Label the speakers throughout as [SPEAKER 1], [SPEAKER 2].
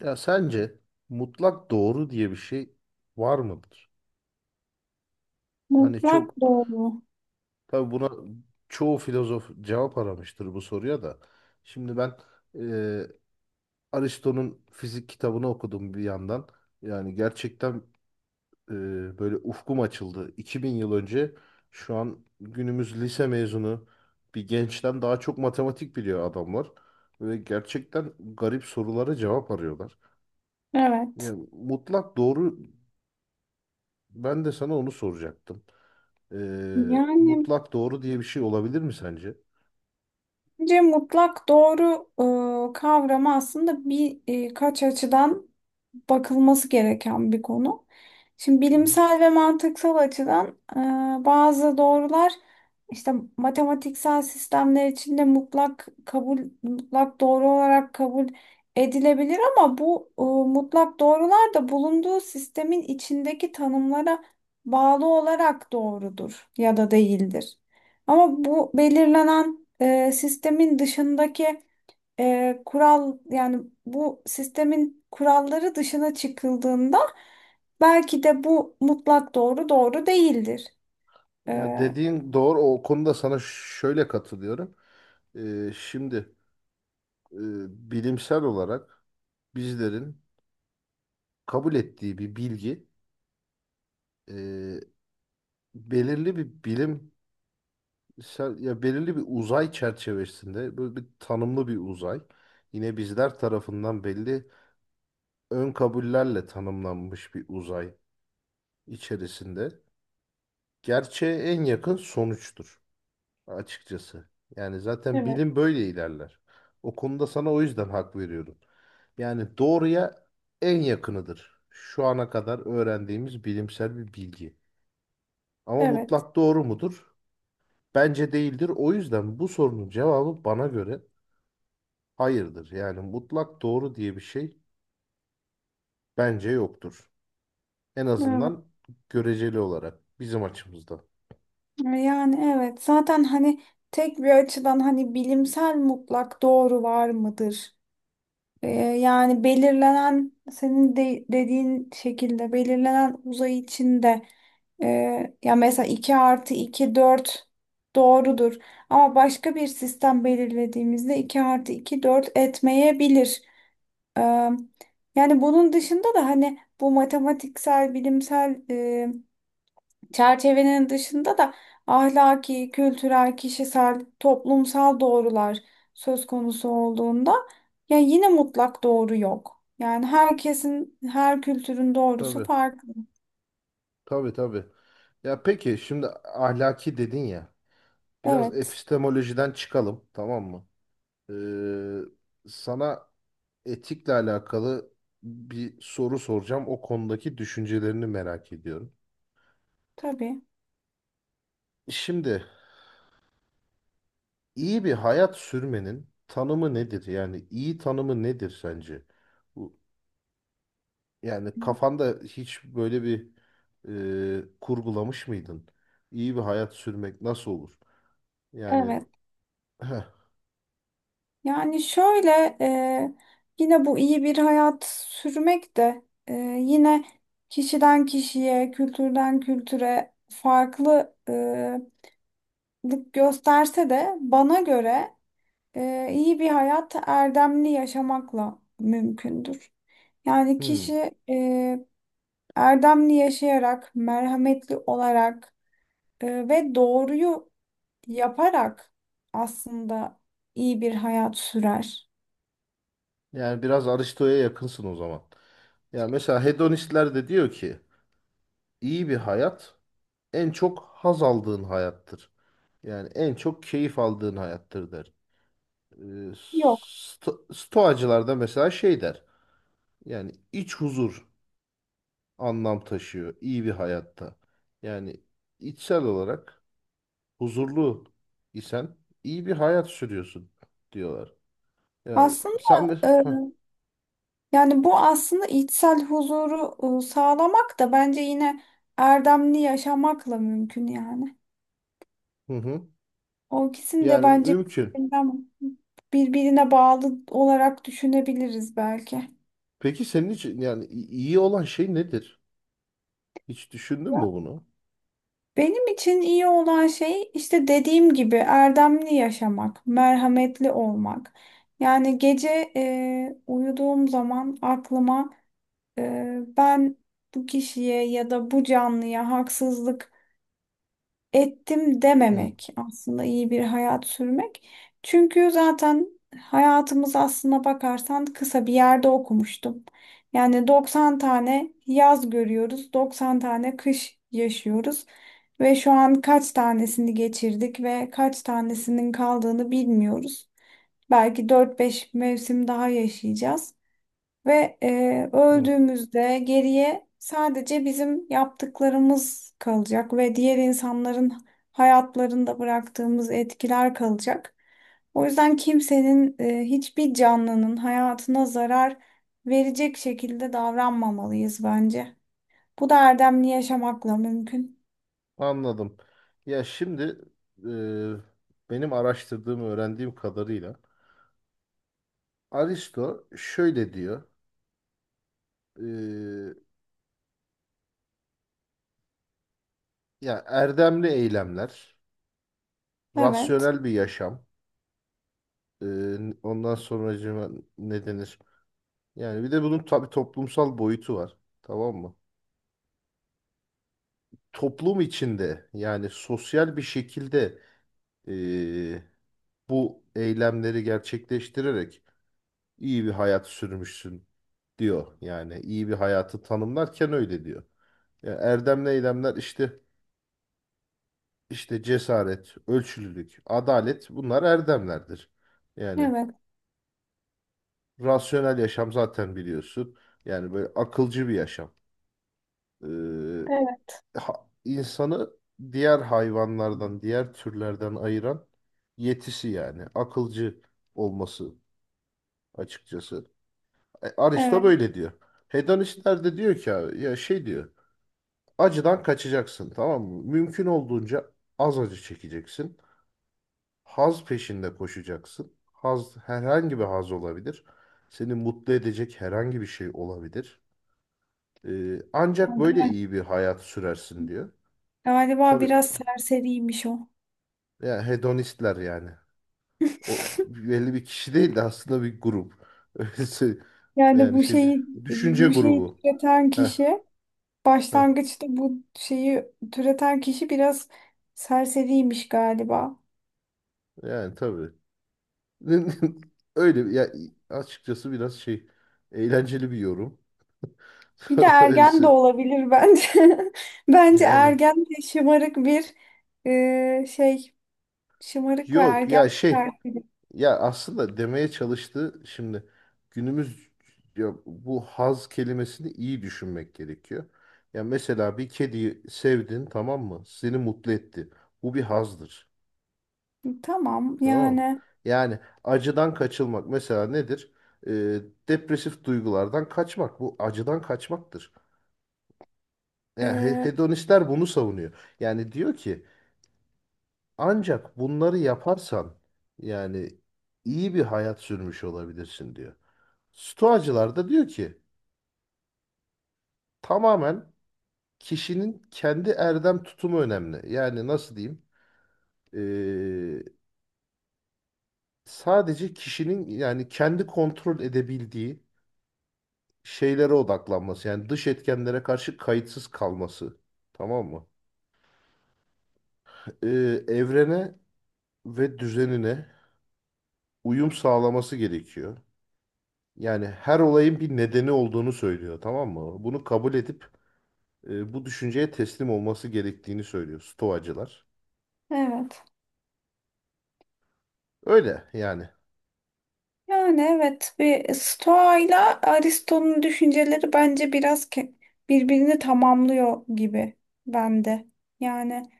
[SPEAKER 1] Ya sence mutlak doğru diye bir şey var mıdır? Hani
[SPEAKER 2] Mutlak
[SPEAKER 1] çok
[SPEAKER 2] doğru.
[SPEAKER 1] tabii buna çoğu filozof cevap aramıştır bu soruya da. Şimdi ben e, Aristo'nun fizik kitabını okudum bir yandan. Yani gerçekten e, böyle ufkum açıldı. 2000 yıl önce şu an günümüz lise mezunu bir gençten daha çok matematik biliyor adamlar. Ve gerçekten garip sorulara cevap arıyorlar.
[SPEAKER 2] Evet.
[SPEAKER 1] Yani mutlak doğru ben de sana onu soracaktım.
[SPEAKER 2] Yani
[SPEAKER 1] Mutlak doğru diye bir şey olabilir mi sence?
[SPEAKER 2] bence mutlak doğru kavramı aslında birkaç açıdan bakılması gereken bir konu. Şimdi
[SPEAKER 1] Hı hı.
[SPEAKER 2] bilimsel ve mantıksal açıdan bazı doğrular işte matematiksel sistemler içinde mutlak doğru olarak kabul edilebilir ama bu mutlak doğrular da bulunduğu sistemin içindeki tanımlara bağlı olarak doğrudur ya da değildir. Ama bu belirlenen sistemin dışındaki kural, yani bu sistemin kuralları dışına çıkıldığında belki de bu mutlak doğru doğru değildir.
[SPEAKER 1] Ya
[SPEAKER 2] E,
[SPEAKER 1] dediğin doğru. O konuda sana şöyle katılıyorum. Şimdi e, bilimsel olarak bizlerin kabul ettiği bir bilgi e, belirli bir bilimsel ya belirli bir uzay çerçevesinde böyle bir tanımlı bir uzay yine bizler tarafından belli ön kabullerle tanımlanmış bir uzay içerisinde gerçeğe en yakın sonuçtur. Açıkçası. Yani zaten
[SPEAKER 2] Evet,
[SPEAKER 1] bilim böyle ilerler. O konuda sana o yüzden hak veriyorum. Yani doğruya en yakınıdır. Şu ana kadar öğrendiğimiz bilimsel bir bilgi. Ama
[SPEAKER 2] evet,
[SPEAKER 1] mutlak doğru mudur? Bence değildir. O yüzden bu sorunun cevabı bana göre hayırdır. Yani mutlak doğru diye bir şey bence yoktur. En
[SPEAKER 2] evet.
[SPEAKER 1] azından göreceli olarak bizim açımızdan.
[SPEAKER 2] Yani evet, zaten hani tek bir açıdan, hani bilimsel mutlak doğru var mıdır? Ee, Yani belirlenen dediğin şekilde belirlenen uzay içinde, e, ya mesela 2 artı 2 4 doğrudur. Ama başka bir sistem belirlediğimizde 2 artı 2 4 etmeyebilir. Ee, Yani bunun dışında da hani bu matematiksel, bilimsel çerçevenin dışında da ahlaki, kültürel, kişisel, toplumsal doğrular söz konusu olduğunda ya yine mutlak doğru yok. Yani herkesin, her kültürün doğrusu
[SPEAKER 1] Tabii,
[SPEAKER 2] farklı.
[SPEAKER 1] tabii, tabii. Ya peki şimdi ahlaki dedin ya. Biraz
[SPEAKER 2] Evet,
[SPEAKER 1] epistemolojiden çıkalım, tamam mı? Ee, sana etikle alakalı bir soru soracağım. O konudaki düşüncelerini merak ediyorum.
[SPEAKER 2] tabii.
[SPEAKER 1] Şimdi iyi bir hayat sürmenin tanımı nedir? Yani iyi tanımı nedir sence? Bu, yani kafanda hiç böyle bir kurgulamış mıydın? İyi bir hayat sürmek nasıl olur? Yani
[SPEAKER 2] Evet.
[SPEAKER 1] heh,
[SPEAKER 2] Yani şöyle, yine bu iyi bir hayat sürmek de, e, yine kişiden kişiye, kültürden kültüre farklılık gösterse de, bana göre iyi bir hayat erdemli yaşamakla mümkündür. Yani
[SPEAKER 1] hmm,
[SPEAKER 2] kişi erdemli yaşayarak, merhametli olarak ve doğruyu yaparak aslında iyi bir hayat sürer.
[SPEAKER 1] yani biraz Aristo'ya yakınsın o zaman. Ya mesela hedonistler de diyor ki İyi bir hayat en çok haz aldığın hayattır. Yani en çok keyif aldığın hayattır der.
[SPEAKER 2] Yok.
[SPEAKER 1] Stoacılar da mesela şey der. Yani iç huzur anlam taşıyor iyi bir hayatta. Yani içsel olarak huzurlu isen iyi bir hayat sürüyorsun diyorlar. Yani
[SPEAKER 2] Aslında
[SPEAKER 1] sen de
[SPEAKER 2] e, yani bu aslında içsel huzuru sağlamak da bence yine erdemli yaşamakla mümkün yani.
[SPEAKER 1] hı hı.
[SPEAKER 2] O ikisini de
[SPEAKER 1] Yani
[SPEAKER 2] bence
[SPEAKER 1] mümkün.
[SPEAKER 2] birbirine bağlı olarak düşünebiliriz belki.
[SPEAKER 1] Peki senin için yani iyi olan şey nedir? Hiç düşündün mü
[SPEAKER 2] Ya,
[SPEAKER 1] bunu?
[SPEAKER 2] benim için iyi olan şey, işte dediğim gibi, erdemli yaşamak, merhametli olmak. Yani gece uyuduğum zaman aklıma e, ben bu kişiye ya da bu canlıya haksızlık ettim
[SPEAKER 1] Hı.
[SPEAKER 2] dememek aslında iyi bir hayat sürmek. Çünkü zaten hayatımız, aslına bakarsan, kısa. Bir yerde okumuştum, yani 90 tane yaz görüyoruz, 90 tane kış yaşıyoruz ve şu an kaç tanesini geçirdik ve kaç tanesinin kaldığını bilmiyoruz. Belki dört beş mevsim daha yaşayacağız. Ve
[SPEAKER 1] Hı.
[SPEAKER 2] öldüğümüzde geriye sadece bizim yaptıklarımız kalacak ve diğer insanların hayatlarında bıraktığımız etkiler kalacak. O yüzden kimsenin, hiçbir canlının hayatına zarar verecek şekilde davranmamalıyız bence. Bu da erdemli yaşamakla mümkün.
[SPEAKER 1] Anladım. Ya şimdi benim araştırdığım, öğrendiğim kadarıyla Aristo şöyle diyor. e, ya erdemli eylemler,
[SPEAKER 2] Evet,
[SPEAKER 1] rasyonel bir yaşam. e, ondan sonracığıma ne denir? Yani bir de bunun tabii toplumsal boyutu var. Tamam mı? Toplum içinde yani sosyal bir şekilde e, bu eylemleri gerçekleştirerek iyi bir hayat sürmüşsün diyor. Yani iyi bir hayatı tanımlarken öyle diyor. Yani erdemli eylemler işte işte cesaret, ölçülülük, adalet bunlar erdemlerdir. Yani
[SPEAKER 2] evet,
[SPEAKER 1] rasyonel yaşam zaten biliyorsun. Yani böyle akılcı bir yaşam. Ee,
[SPEAKER 2] evet,
[SPEAKER 1] insanı diğer hayvanlardan, diğer türlerden ayıran yetisi yani akılcı olması açıkçası. E, Aristo
[SPEAKER 2] evet.
[SPEAKER 1] böyle diyor. Hedonistler de diyor ki abi, ya şey diyor. Acıdan kaçacaksın tamam mı? Mümkün olduğunca az acı çekeceksin. Haz peşinde koşacaksın. Haz herhangi bir haz olabilir. Seni mutlu edecek herhangi bir şey olabilir. Ancak böyle
[SPEAKER 2] Gal-
[SPEAKER 1] iyi bir hayat sürersin diyor.
[SPEAKER 2] Galiba
[SPEAKER 1] Tabii
[SPEAKER 2] biraz serseriymiş o.
[SPEAKER 1] yani hedonistler yani. O belli bir kişi değil de aslında bir grup. Öylesi
[SPEAKER 2] Yani
[SPEAKER 1] yani şey düşünce
[SPEAKER 2] bu şeyi
[SPEAKER 1] grubu.
[SPEAKER 2] tüketen
[SPEAKER 1] Heh,
[SPEAKER 2] kişi.
[SPEAKER 1] heh,
[SPEAKER 2] Başlangıçta bu şeyi türeten kişi biraz serseriymiş galiba.
[SPEAKER 1] yani tabii. Öyle ya açıkçası biraz şey eğlenceli bir yorum.
[SPEAKER 2] Bir de ergen de
[SPEAKER 1] Ölsün.
[SPEAKER 2] olabilir bence. Bence
[SPEAKER 1] Yani
[SPEAKER 2] ergen de şımarık bir e, şey, şımarık ve
[SPEAKER 1] yok
[SPEAKER 2] ergen
[SPEAKER 1] ya
[SPEAKER 2] bir
[SPEAKER 1] şey
[SPEAKER 2] serseri.
[SPEAKER 1] ya aslında demeye çalıştığı şimdi günümüz ya bu haz kelimesini iyi düşünmek gerekiyor. Ya mesela bir kediyi sevdin tamam mı? Seni mutlu etti. Bu bir hazdır.
[SPEAKER 2] Tamam
[SPEAKER 1] Tamam mı?
[SPEAKER 2] yani
[SPEAKER 1] Yani acıdan kaçılmak mesela nedir? Ee, depresif duygulardan kaçmak. Bu acıdan kaçmaktır. Yani
[SPEAKER 2] e,
[SPEAKER 1] hedonistler bunu savunuyor. Yani diyor ki ancak bunları yaparsan yani iyi bir hayat sürmüş olabilirsin diyor. Stoacılar da diyor ki tamamen kişinin kendi erdem tutumu önemli. Yani nasıl diyeyim? Ee, sadece kişinin yani kendi kontrol edebildiği şeylere odaklanması. Yani dış etkenlere karşı kayıtsız kalması. Tamam mı? Ee, evrene ve düzenine uyum sağlaması gerekiyor. Yani her olayın bir nedeni olduğunu söylüyor, tamam mı? Bunu kabul edip bu düşünceye teslim olması gerektiğini söylüyor Stoacılar.
[SPEAKER 2] evet.
[SPEAKER 1] Öyle yani.
[SPEAKER 2] Yani evet, bir Stoa ile Aristo'nun düşünceleri bence biraz birbirini tamamlıyor gibi bende. Yani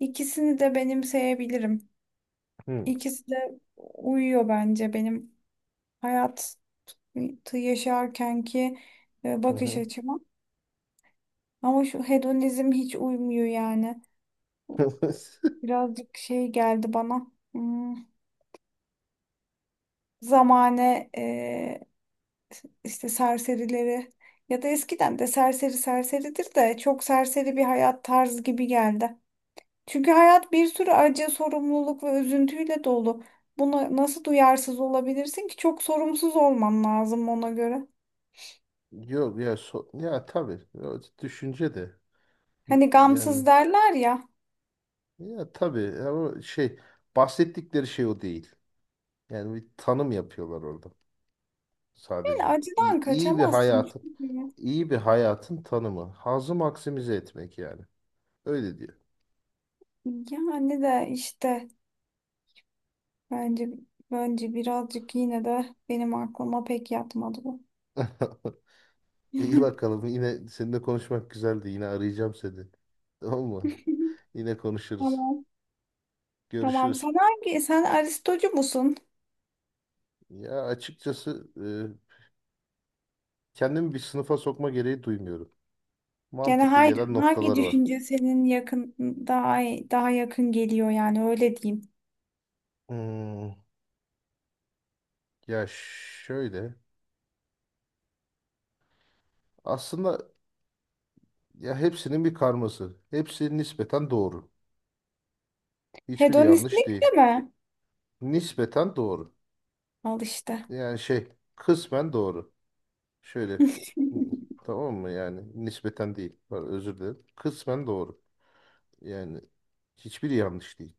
[SPEAKER 2] ikisini de benimseyebilirim.
[SPEAKER 1] Hı,
[SPEAKER 2] İkisi de uyuyor bence benim hayatı yaşarkenki
[SPEAKER 1] hı
[SPEAKER 2] bakış
[SPEAKER 1] hı.
[SPEAKER 2] açıma. Ama şu hedonizm hiç uymuyor yani. Birazcık şey geldi bana. Hmm, zamane işte serserileri, ya da eskiden de serseri serseridir, de çok serseri bir hayat tarzı gibi geldi. Çünkü hayat bir sürü acı, sorumluluk ve üzüntüyle dolu. Buna nasıl duyarsız olabilirsin ki? Çok sorumsuz olman lazım ona göre.
[SPEAKER 1] Yok ya ya tabii ya düşünce de
[SPEAKER 2] Hani
[SPEAKER 1] yani
[SPEAKER 2] gamsız derler ya.
[SPEAKER 1] ya tabii ama şey bahsettikleri şey o değil. Yani bir tanım yapıyorlar orada
[SPEAKER 2] Yani
[SPEAKER 1] sadece.
[SPEAKER 2] acıdan
[SPEAKER 1] İyi, iyi bir
[SPEAKER 2] kaçamazsın
[SPEAKER 1] hayatın
[SPEAKER 2] çünkü.
[SPEAKER 1] iyi bir hayatın tanımı. Hazı maksimize etmek yani. Öyle diyor.
[SPEAKER 2] Yani işte bence bence birazcık, yine de benim aklıma pek yatmadı bu.
[SPEAKER 1] İyi bakalım. Yine seninle konuşmak güzeldi. Yine arayacağım seni. Tamam mı? Yine konuşuruz.
[SPEAKER 2] Tamam. Tamam.
[SPEAKER 1] Görüşürüz.
[SPEAKER 2] Sen hangi, sen Aristocu musun?
[SPEAKER 1] Ya açıkçası kendimi bir sınıfa sokma gereği duymuyorum.
[SPEAKER 2] Yani
[SPEAKER 1] Mantıklı gelen
[SPEAKER 2] hangi
[SPEAKER 1] noktalar var.
[SPEAKER 2] düşünce senin yakın daha daha yakın geliyor, yani öyle diyeyim.
[SPEAKER 1] Hmm, ya şöyle. Aslında ya hepsinin bir karması. Hepsi nispeten doğru. Hiçbiri yanlış
[SPEAKER 2] Hedonistlik
[SPEAKER 1] değil.
[SPEAKER 2] de mi?
[SPEAKER 1] Nispeten doğru.
[SPEAKER 2] Al işte.
[SPEAKER 1] Yani şey kısmen doğru. Şöyle. Hmm, tamam mı? Yani nispeten değil. Pardon, özür dilerim. Kısmen doğru. Yani hiçbiri yanlış değil.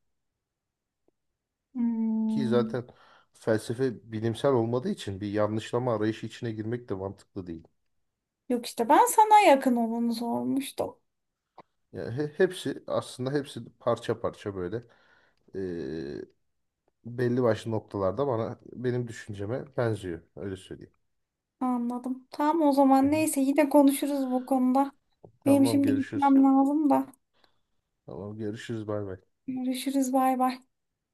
[SPEAKER 1] Ki
[SPEAKER 2] Hmm.
[SPEAKER 1] zaten felsefe bilimsel olmadığı için bir yanlışlama arayışı içine girmek de mantıklı değil.
[SPEAKER 2] Yok işte, ben sana yakın olanı sormuştum.
[SPEAKER 1] Yani hepsi aslında hepsi parça parça böyle eee, belli başlı noktalarda bana benim düşünceme benziyor. Öyle söyleyeyim.
[SPEAKER 2] Anladım. Tamam, o
[SPEAKER 1] Hı
[SPEAKER 2] zaman
[SPEAKER 1] hı.
[SPEAKER 2] neyse, yine konuşuruz bu konuda. Benim
[SPEAKER 1] Tamam
[SPEAKER 2] şimdi
[SPEAKER 1] görüşürüz.
[SPEAKER 2] gitmem lazım da.
[SPEAKER 1] Tamam görüşürüz bay bay.
[SPEAKER 2] Görüşürüz, bay bay.